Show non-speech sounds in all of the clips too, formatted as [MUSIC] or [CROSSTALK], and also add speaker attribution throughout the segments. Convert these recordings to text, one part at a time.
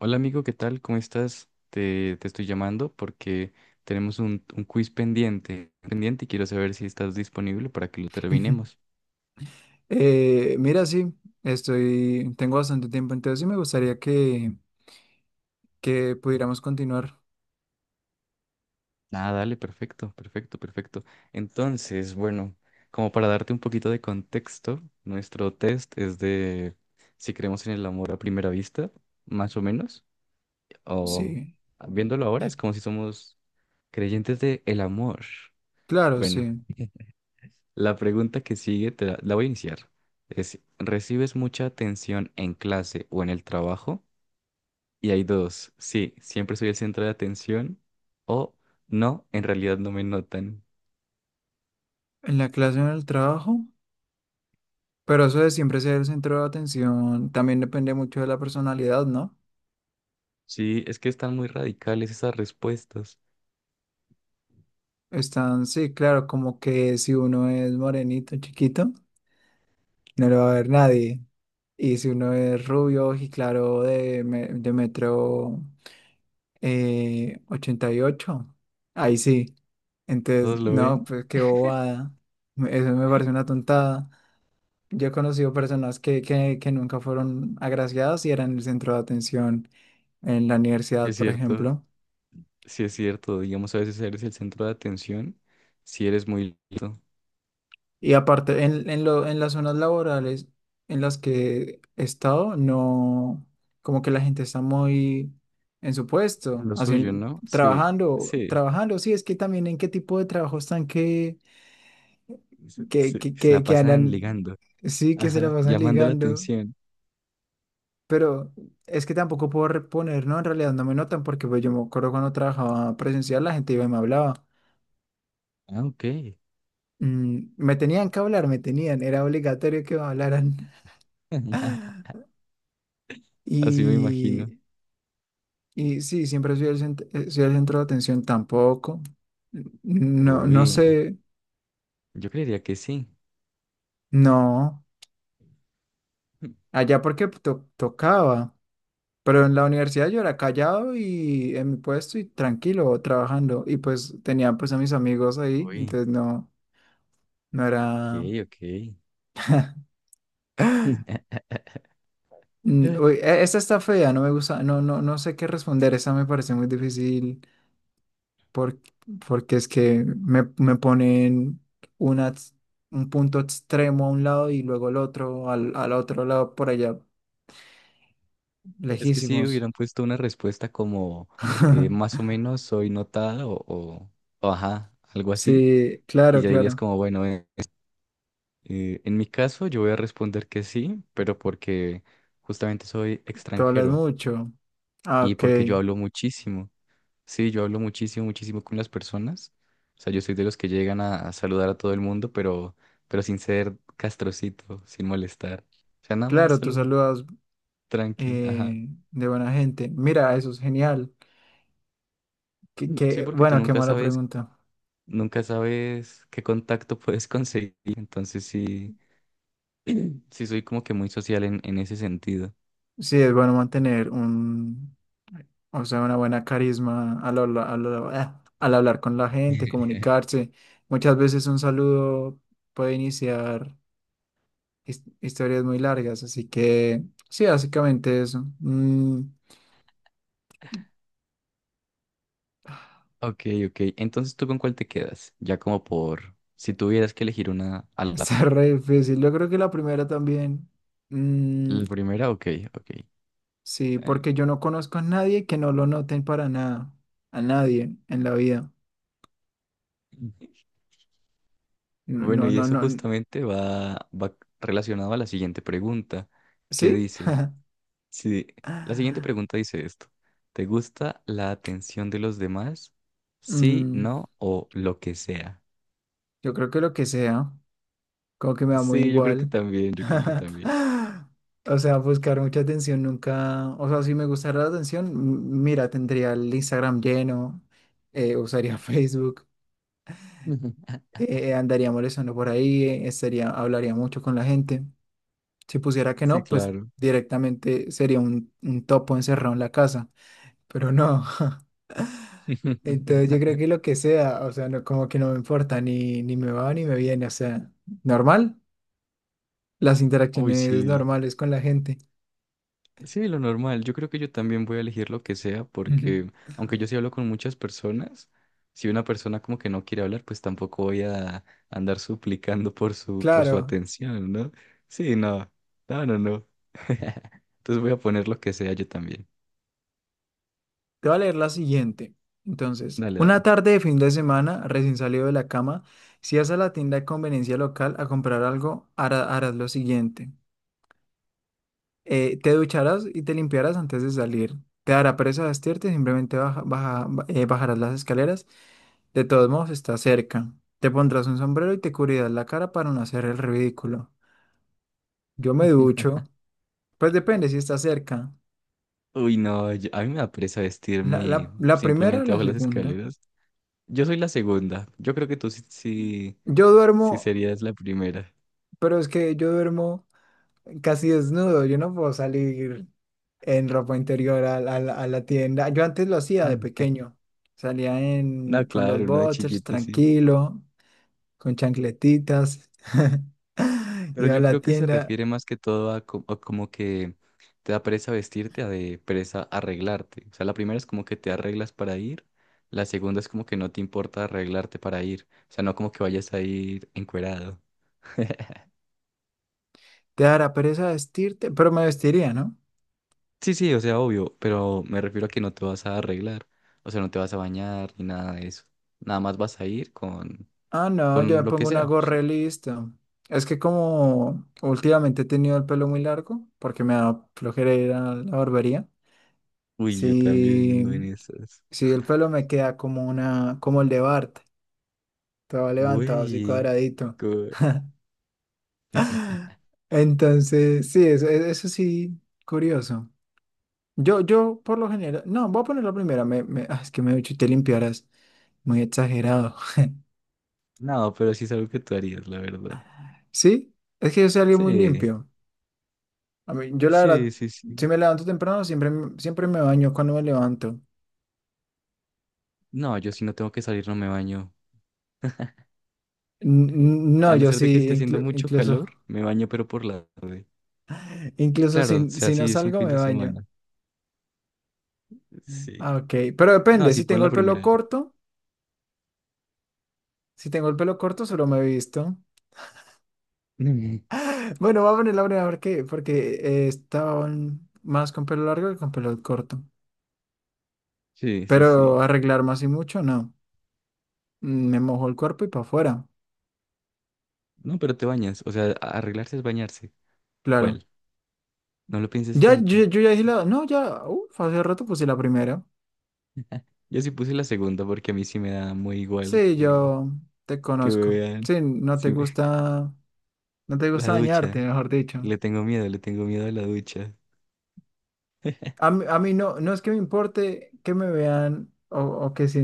Speaker 1: Hola amigo, ¿qué tal? ¿Cómo estás? Te estoy llamando porque tenemos un quiz pendiente, pendiente y quiero saber si estás disponible para que lo
Speaker 2: Ujú.
Speaker 1: terminemos.
Speaker 2: Sí, estoy, tengo bastante tiempo, entonces sí me gustaría que, pudiéramos continuar.
Speaker 1: Ah, dale, perfecto, perfecto, perfecto. Entonces, bueno, como para darte un poquito de contexto, nuestro test es de si creemos en el amor a primera vista, más o menos, o
Speaker 2: Sí,
Speaker 1: viéndolo ahora es como si somos creyentes de el amor.
Speaker 2: claro,
Speaker 1: Bueno.
Speaker 2: sí.
Speaker 1: La pregunta que sigue te la voy a iniciar. Es, ¿recibes mucha atención en clase o en el trabajo? Y hay dos. Sí, siempre soy el centro de atención. O no, en realidad no me notan.
Speaker 2: En la clase o en el trabajo, pero eso de siempre ser el centro de atención también depende mucho de la personalidad, ¿no?
Speaker 1: Sí, es que están muy radicales esas respuestas.
Speaker 2: Están, sí, claro, como que si uno es morenito, chiquito, no lo va a ver nadie. Y si uno es rubio y claro de metro 88. Ahí sí. Entonces,
Speaker 1: ¿Todos lo
Speaker 2: no,
Speaker 1: ven?
Speaker 2: pues qué bobada. Eso me parece una tontada. Yo he conocido personas que nunca fueron agraciadas y eran el centro de atención en la
Speaker 1: Sí,
Speaker 2: universidad,
Speaker 1: es
Speaker 2: por
Speaker 1: cierto.
Speaker 2: ejemplo.
Speaker 1: Sí, es cierto. Digamos, a veces eres el centro de atención si eres muy listo.
Speaker 2: Y aparte, en las zonas laborales en las que he estado, no, como que la gente está muy en su puesto,
Speaker 1: Lo
Speaker 2: así,
Speaker 1: suyo, ¿no? Sí, sí.
Speaker 2: trabajando. Sí, es que también en qué tipo de trabajo están que
Speaker 1: Se,
Speaker 2: que,
Speaker 1: se-
Speaker 2: que,
Speaker 1: se
Speaker 2: que,
Speaker 1: la
Speaker 2: que
Speaker 1: pasan
Speaker 2: andan,
Speaker 1: ligando.
Speaker 2: sí, que se la
Speaker 1: Ajá.
Speaker 2: pasan
Speaker 1: Llamando la
Speaker 2: ligando,
Speaker 1: atención.
Speaker 2: pero es que tampoco puedo reponer, ¿no? En realidad no me notan porque pues, yo me acuerdo cuando trabajaba presencial, la gente iba y me hablaba.
Speaker 1: Ah, ok.
Speaker 2: Me tenían que hablar, me tenían, era obligatorio que me hablaran.
Speaker 1: [LAUGHS]
Speaker 2: [LAUGHS]
Speaker 1: Así me imagino.
Speaker 2: Y, y sí, siempre soy el, cent- soy el centro de atención tampoco. No, no
Speaker 1: Uy,
Speaker 2: sé,
Speaker 1: yo creería que sí.
Speaker 2: no.
Speaker 1: [LAUGHS]
Speaker 2: Allá porque tocaba. Pero en la universidad yo era callado y en mi puesto y tranquilo trabajando. Y pues tenía pues a mis amigos ahí,
Speaker 1: Uy,
Speaker 2: entonces no, no
Speaker 1: ok,
Speaker 2: era...
Speaker 1: ok.
Speaker 2: [GASPS]
Speaker 1: [LAUGHS]
Speaker 2: Uy, esta está fea, no me gusta, no, no, no sé qué responder, esa me parece muy difícil por- porque es que me ponen una, ex- un punto extremo a un lado y luego el otro, al otro lado por allá,
Speaker 1: Es que si
Speaker 2: lejísimos.
Speaker 1: hubieran puesto una respuesta como más
Speaker 2: [LAUGHS]
Speaker 1: o menos soy notada o ajá, algo así,
Speaker 2: Sí,
Speaker 1: y
Speaker 2: claro,
Speaker 1: ya dirías
Speaker 2: claro,
Speaker 1: como, bueno, en mi caso yo voy a responder que sí, pero porque justamente soy
Speaker 2: tú hablas
Speaker 1: extranjero
Speaker 2: mucho. Ah,
Speaker 1: y porque yo
Speaker 2: ok,
Speaker 1: hablo muchísimo. Sí, yo hablo muchísimo, muchísimo con las personas. O sea, yo soy de los que llegan a saludar a todo el mundo, pero sin ser castrocito, sin molestar. O sea, nada más
Speaker 2: claro, tú
Speaker 1: saludo,
Speaker 2: saludas
Speaker 1: tranqui, ajá.
Speaker 2: de buena gente. Mira, eso es genial.
Speaker 1: Sí, porque tú
Speaker 2: Qué
Speaker 1: nunca
Speaker 2: mala
Speaker 1: sabes,
Speaker 2: pregunta.
Speaker 1: nunca sabes qué contacto [LAUGHS] puedes conseguir. Entonces sí, sí soy como que muy social en ese sentido.
Speaker 2: Sí, es bueno mantener un, o sea, una buena carisma al hablar con la gente,
Speaker 1: [LAUGHS]
Speaker 2: comunicarse. Muchas veces un saludo puede iniciar historias muy largas, así que sí, básicamente eso.
Speaker 1: Ok, ok. Entonces, ¿tú con cuál te quedas? Ya como por, si tuvieras que elegir una
Speaker 2: [LAUGHS]
Speaker 1: al azar.
Speaker 2: Está re difícil. Yo creo que la primera también. Mm,
Speaker 1: La primera, ok, ok.
Speaker 2: sí,
Speaker 1: Eh,
Speaker 2: porque yo no conozco a nadie que no lo noten para nada, a nadie en la vida. No,
Speaker 1: Bueno,
Speaker 2: no,
Speaker 1: y
Speaker 2: no,
Speaker 1: eso
Speaker 2: no.
Speaker 1: justamente va relacionado a la siguiente pregunta, que
Speaker 2: ¿Sí?
Speaker 1: dice, si la siguiente
Speaker 2: [LAUGHS]
Speaker 1: pregunta dice esto, ¿te gusta la atención de los demás? Sí,
Speaker 2: Mm,
Speaker 1: no o lo que sea.
Speaker 2: yo creo que lo que sea, como que me da muy
Speaker 1: Sí, yo creo que
Speaker 2: igual.
Speaker 1: también, yo creo que también.
Speaker 2: [LAUGHS] O sea, buscar mucha atención nunca. O sea, si me gustara la atención, mira, tendría el Instagram lleno, usaría [LAUGHS] Facebook,
Speaker 1: [LAUGHS]
Speaker 2: andaría molestando por ahí, hablaría mucho con la gente. Si pusiera que
Speaker 1: Sí,
Speaker 2: no, pues
Speaker 1: claro.
Speaker 2: directamente sería un topo encerrado en la casa. Pero no. [LAUGHS] Entonces yo
Speaker 1: [LAUGHS]
Speaker 2: creo que lo que sea, o sea, no, como que no me importa, ni, ni me va ni me viene, o sea, normal, las
Speaker 1: Uy,
Speaker 2: interacciones
Speaker 1: sí.
Speaker 2: normales con la gente.
Speaker 1: Sí, lo normal. Yo creo que yo también voy a elegir lo que sea
Speaker 2: Ujú.
Speaker 1: porque, aunque yo sí hablo con muchas personas, si una persona como que no quiere hablar, pues tampoco voy a andar suplicando por su
Speaker 2: Claro,
Speaker 1: atención, ¿no? Sí, no. No, no, no. [LAUGHS] Entonces voy a poner lo que sea yo también.
Speaker 2: te voy a leer la siguiente. Entonces,
Speaker 1: Dale,
Speaker 2: una
Speaker 1: dale.
Speaker 2: tarde de fin de semana, recién salido de la cama, si vas a la tienda de conveniencia local a comprar algo, harás lo siguiente. Te ducharás y te limpiarás antes de salir. Te dará pereza vestirte, simplemente bajarás las escaleras. De todos modos, está cerca. Te pondrás un sombrero y te cubrirás la cara para no hacer el ridículo. Yo me ducho. Pues depende si está cerca.
Speaker 1: Uy, no, a mí me da pereza
Speaker 2: La,
Speaker 1: vestirme
Speaker 2: la,
Speaker 1: y
Speaker 2: la primera o
Speaker 1: simplemente
Speaker 2: la
Speaker 1: bajo las
Speaker 2: segunda.
Speaker 1: escaleras. Yo soy la segunda. Yo creo que tú
Speaker 2: Yo
Speaker 1: sí
Speaker 2: duermo,
Speaker 1: serías la primera.
Speaker 2: pero es que yo duermo casi desnudo. Yo no puedo salir en ropa interior a la tienda. Yo antes lo hacía de
Speaker 1: Mm. [LAUGHS]
Speaker 2: pequeño. Salía en,
Speaker 1: No,
Speaker 2: con los
Speaker 1: claro, uno de
Speaker 2: boxers,
Speaker 1: chiquito, sí.
Speaker 2: tranquilo, con chancletitas. [LAUGHS]
Speaker 1: Pero
Speaker 2: Iba a
Speaker 1: yo
Speaker 2: la
Speaker 1: creo que se
Speaker 2: tienda.
Speaker 1: refiere más que todo a, a como que te da pereza vestirte, a de pereza arreglarte. O sea, la primera es como que te arreglas para ir, la segunda es como que no te importa arreglarte para ir. O sea, no como que vayas a ir encuerado. [LAUGHS]
Speaker 2: Te dará pereza vestirte, pero me vestiría, ¿no?
Speaker 1: Sí, sí, o sea, obvio, pero me refiero a que no te vas a arreglar, o sea, no te vas a bañar ni nada de eso. Nada más vas a ir
Speaker 2: Ah, no, yo
Speaker 1: con
Speaker 2: me
Speaker 1: lo que
Speaker 2: pongo una
Speaker 1: sea. Sí.
Speaker 2: gorra y listo. Es que como últimamente he tenido el pelo muy largo, porque me da flojera ir a la barbería.
Speaker 1: Uy, yo también
Speaker 2: Sí,
Speaker 1: ando en esas.
Speaker 2: sí, el pelo me queda como una, como el de Bart, todo levantado así
Speaker 1: Uy,
Speaker 2: cuadradito.
Speaker 1: co-
Speaker 2: [LAUGHS] Entonces, sí, eso, eso sí, curioso. Yo por lo general, no, voy a poner la primera, es que me he dicho te limpiarás, muy exagerado. [LAUGHS]
Speaker 1: no, pero sí es algo que tú harías, la verdad.
Speaker 2: Sí, es que yo salí muy
Speaker 1: Sí.
Speaker 2: limpio. A mí, yo la
Speaker 1: Sí,
Speaker 2: verdad,
Speaker 1: sí,
Speaker 2: si
Speaker 1: sí.
Speaker 2: me levanto temprano, siempre, siempre me baño cuando me levanto.
Speaker 1: No, yo si no tengo que salir no me baño. A
Speaker 2: No,
Speaker 1: no
Speaker 2: yo
Speaker 1: ser de que
Speaker 2: sí,
Speaker 1: esté haciendo mucho calor,
Speaker 2: incluso,
Speaker 1: me baño pero por la tarde.
Speaker 2: [LAUGHS] incluso
Speaker 1: Claro, o
Speaker 2: si,
Speaker 1: sea,
Speaker 2: si no
Speaker 1: sí es un
Speaker 2: salgo,
Speaker 1: fin
Speaker 2: me
Speaker 1: de
Speaker 2: baño.
Speaker 1: semana. Sí.
Speaker 2: Ah, ok, pero
Speaker 1: No,
Speaker 2: depende,
Speaker 1: sí
Speaker 2: si
Speaker 1: pon
Speaker 2: tengo
Speaker 1: la
Speaker 2: el pelo
Speaker 1: primera. [LAUGHS]
Speaker 2: corto, si tengo el pelo corto, solo me he visto. [LAUGHS] Bueno, voy a poner la breve porque, porque estaban más con pelo largo que con pelo corto.
Speaker 1: Sí, sí,
Speaker 2: Pero
Speaker 1: sí.
Speaker 2: arreglarme así mucho, no. Me mojo el cuerpo y para afuera,
Speaker 1: No, pero te bañas. O sea, arreglarse es bañarse.
Speaker 2: claro.
Speaker 1: ¿Cuál? No lo pienses
Speaker 2: Ya,
Speaker 1: tanto.
Speaker 2: yo ya dije la, no, ya, uf, hace rato puse la primera.
Speaker 1: Yo sí puse la segunda porque a mí sí me da muy igual
Speaker 2: Sí, yo te
Speaker 1: que me
Speaker 2: conozco.
Speaker 1: vean.
Speaker 2: Sí, no te
Speaker 1: Sí, me-
Speaker 2: gusta, no te
Speaker 1: [LAUGHS] La
Speaker 2: gusta
Speaker 1: ducha.
Speaker 2: dañarte, mejor dicho.
Speaker 1: Le tengo miedo a la ducha. [LAUGHS]
Speaker 2: A mí no, no es que me importe que me vean o que si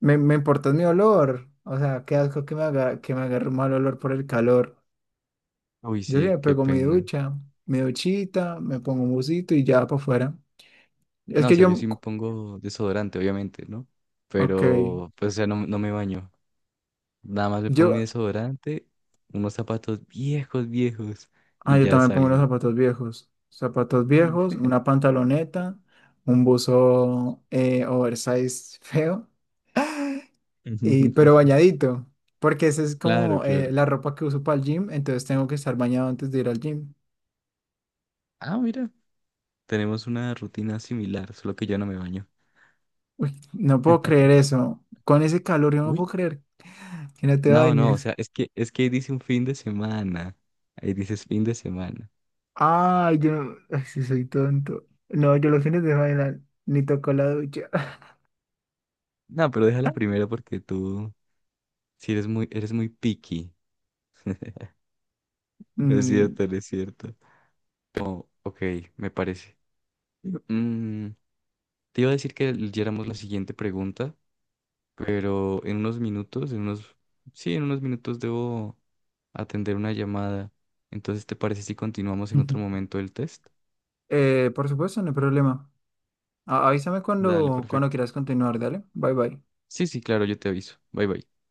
Speaker 2: me, me importa mi olor. O sea, qué asco que me haga, que me agarre un mal olor por el calor.
Speaker 1: Uy,
Speaker 2: Yo sí
Speaker 1: sí,
Speaker 2: me
Speaker 1: qué
Speaker 2: pego mi
Speaker 1: pena.
Speaker 2: ducha, mi duchita, me pongo un busito y ya para afuera. Es
Speaker 1: No, o
Speaker 2: que
Speaker 1: sea, yo
Speaker 2: yo,
Speaker 1: sí me pongo desodorante, obviamente, ¿no?
Speaker 2: ok,
Speaker 1: Pero, pues, o sea, no, no me baño. Nada más me pongo mi
Speaker 2: yo.
Speaker 1: desodorante, unos zapatos viejos, viejos,
Speaker 2: Ah,
Speaker 1: y
Speaker 2: yo
Speaker 1: ya
Speaker 2: también pongo los
Speaker 1: salgo.
Speaker 2: zapatos viejos. Zapatos viejos, una pantaloneta, un buzo oversize feo, y, pero
Speaker 1: [LAUGHS]
Speaker 2: bañadito, porque esa es
Speaker 1: Claro,
Speaker 2: como
Speaker 1: claro.
Speaker 2: la ropa que uso para el gym, entonces tengo que estar bañado antes de ir al gym.
Speaker 1: Ah, mira, tenemos una rutina similar, solo que yo no me baño.
Speaker 2: Uy, no puedo creer eso. Con ese calor yo no
Speaker 1: Uy,
Speaker 2: puedo creer que no te
Speaker 1: no, no, o
Speaker 2: bañes.
Speaker 1: sea, es que ahí dice un fin de semana. Ahí dices fin de semana.
Speaker 2: Ah, yo ay, sí soy tonto. No, yo los fines de semana ni toco la ducha. [LAUGHS]
Speaker 1: No, pero déjala primero porque tú sí eres muy picky. No es
Speaker 2: Mm,
Speaker 1: cierto, no es cierto. Oh, ok, me parece. Mm, te iba a decir que leyéramos la siguiente pregunta, pero en unos minutos, en unos, sí, en unos minutos debo atender una llamada. Entonces, ¿te parece si continuamos en otro
Speaker 2: [LAUGHS]
Speaker 1: momento el test?
Speaker 2: por supuesto, no hay problema. Avísame
Speaker 1: Dale,
Speaker 2: cuando, cuando
Speaker 1: perfecto.
Speaker 2: quieras continuar, dale. Bye bye.
Speaker 1: Sí, sí, claro, yo te aviso. Bye, bye.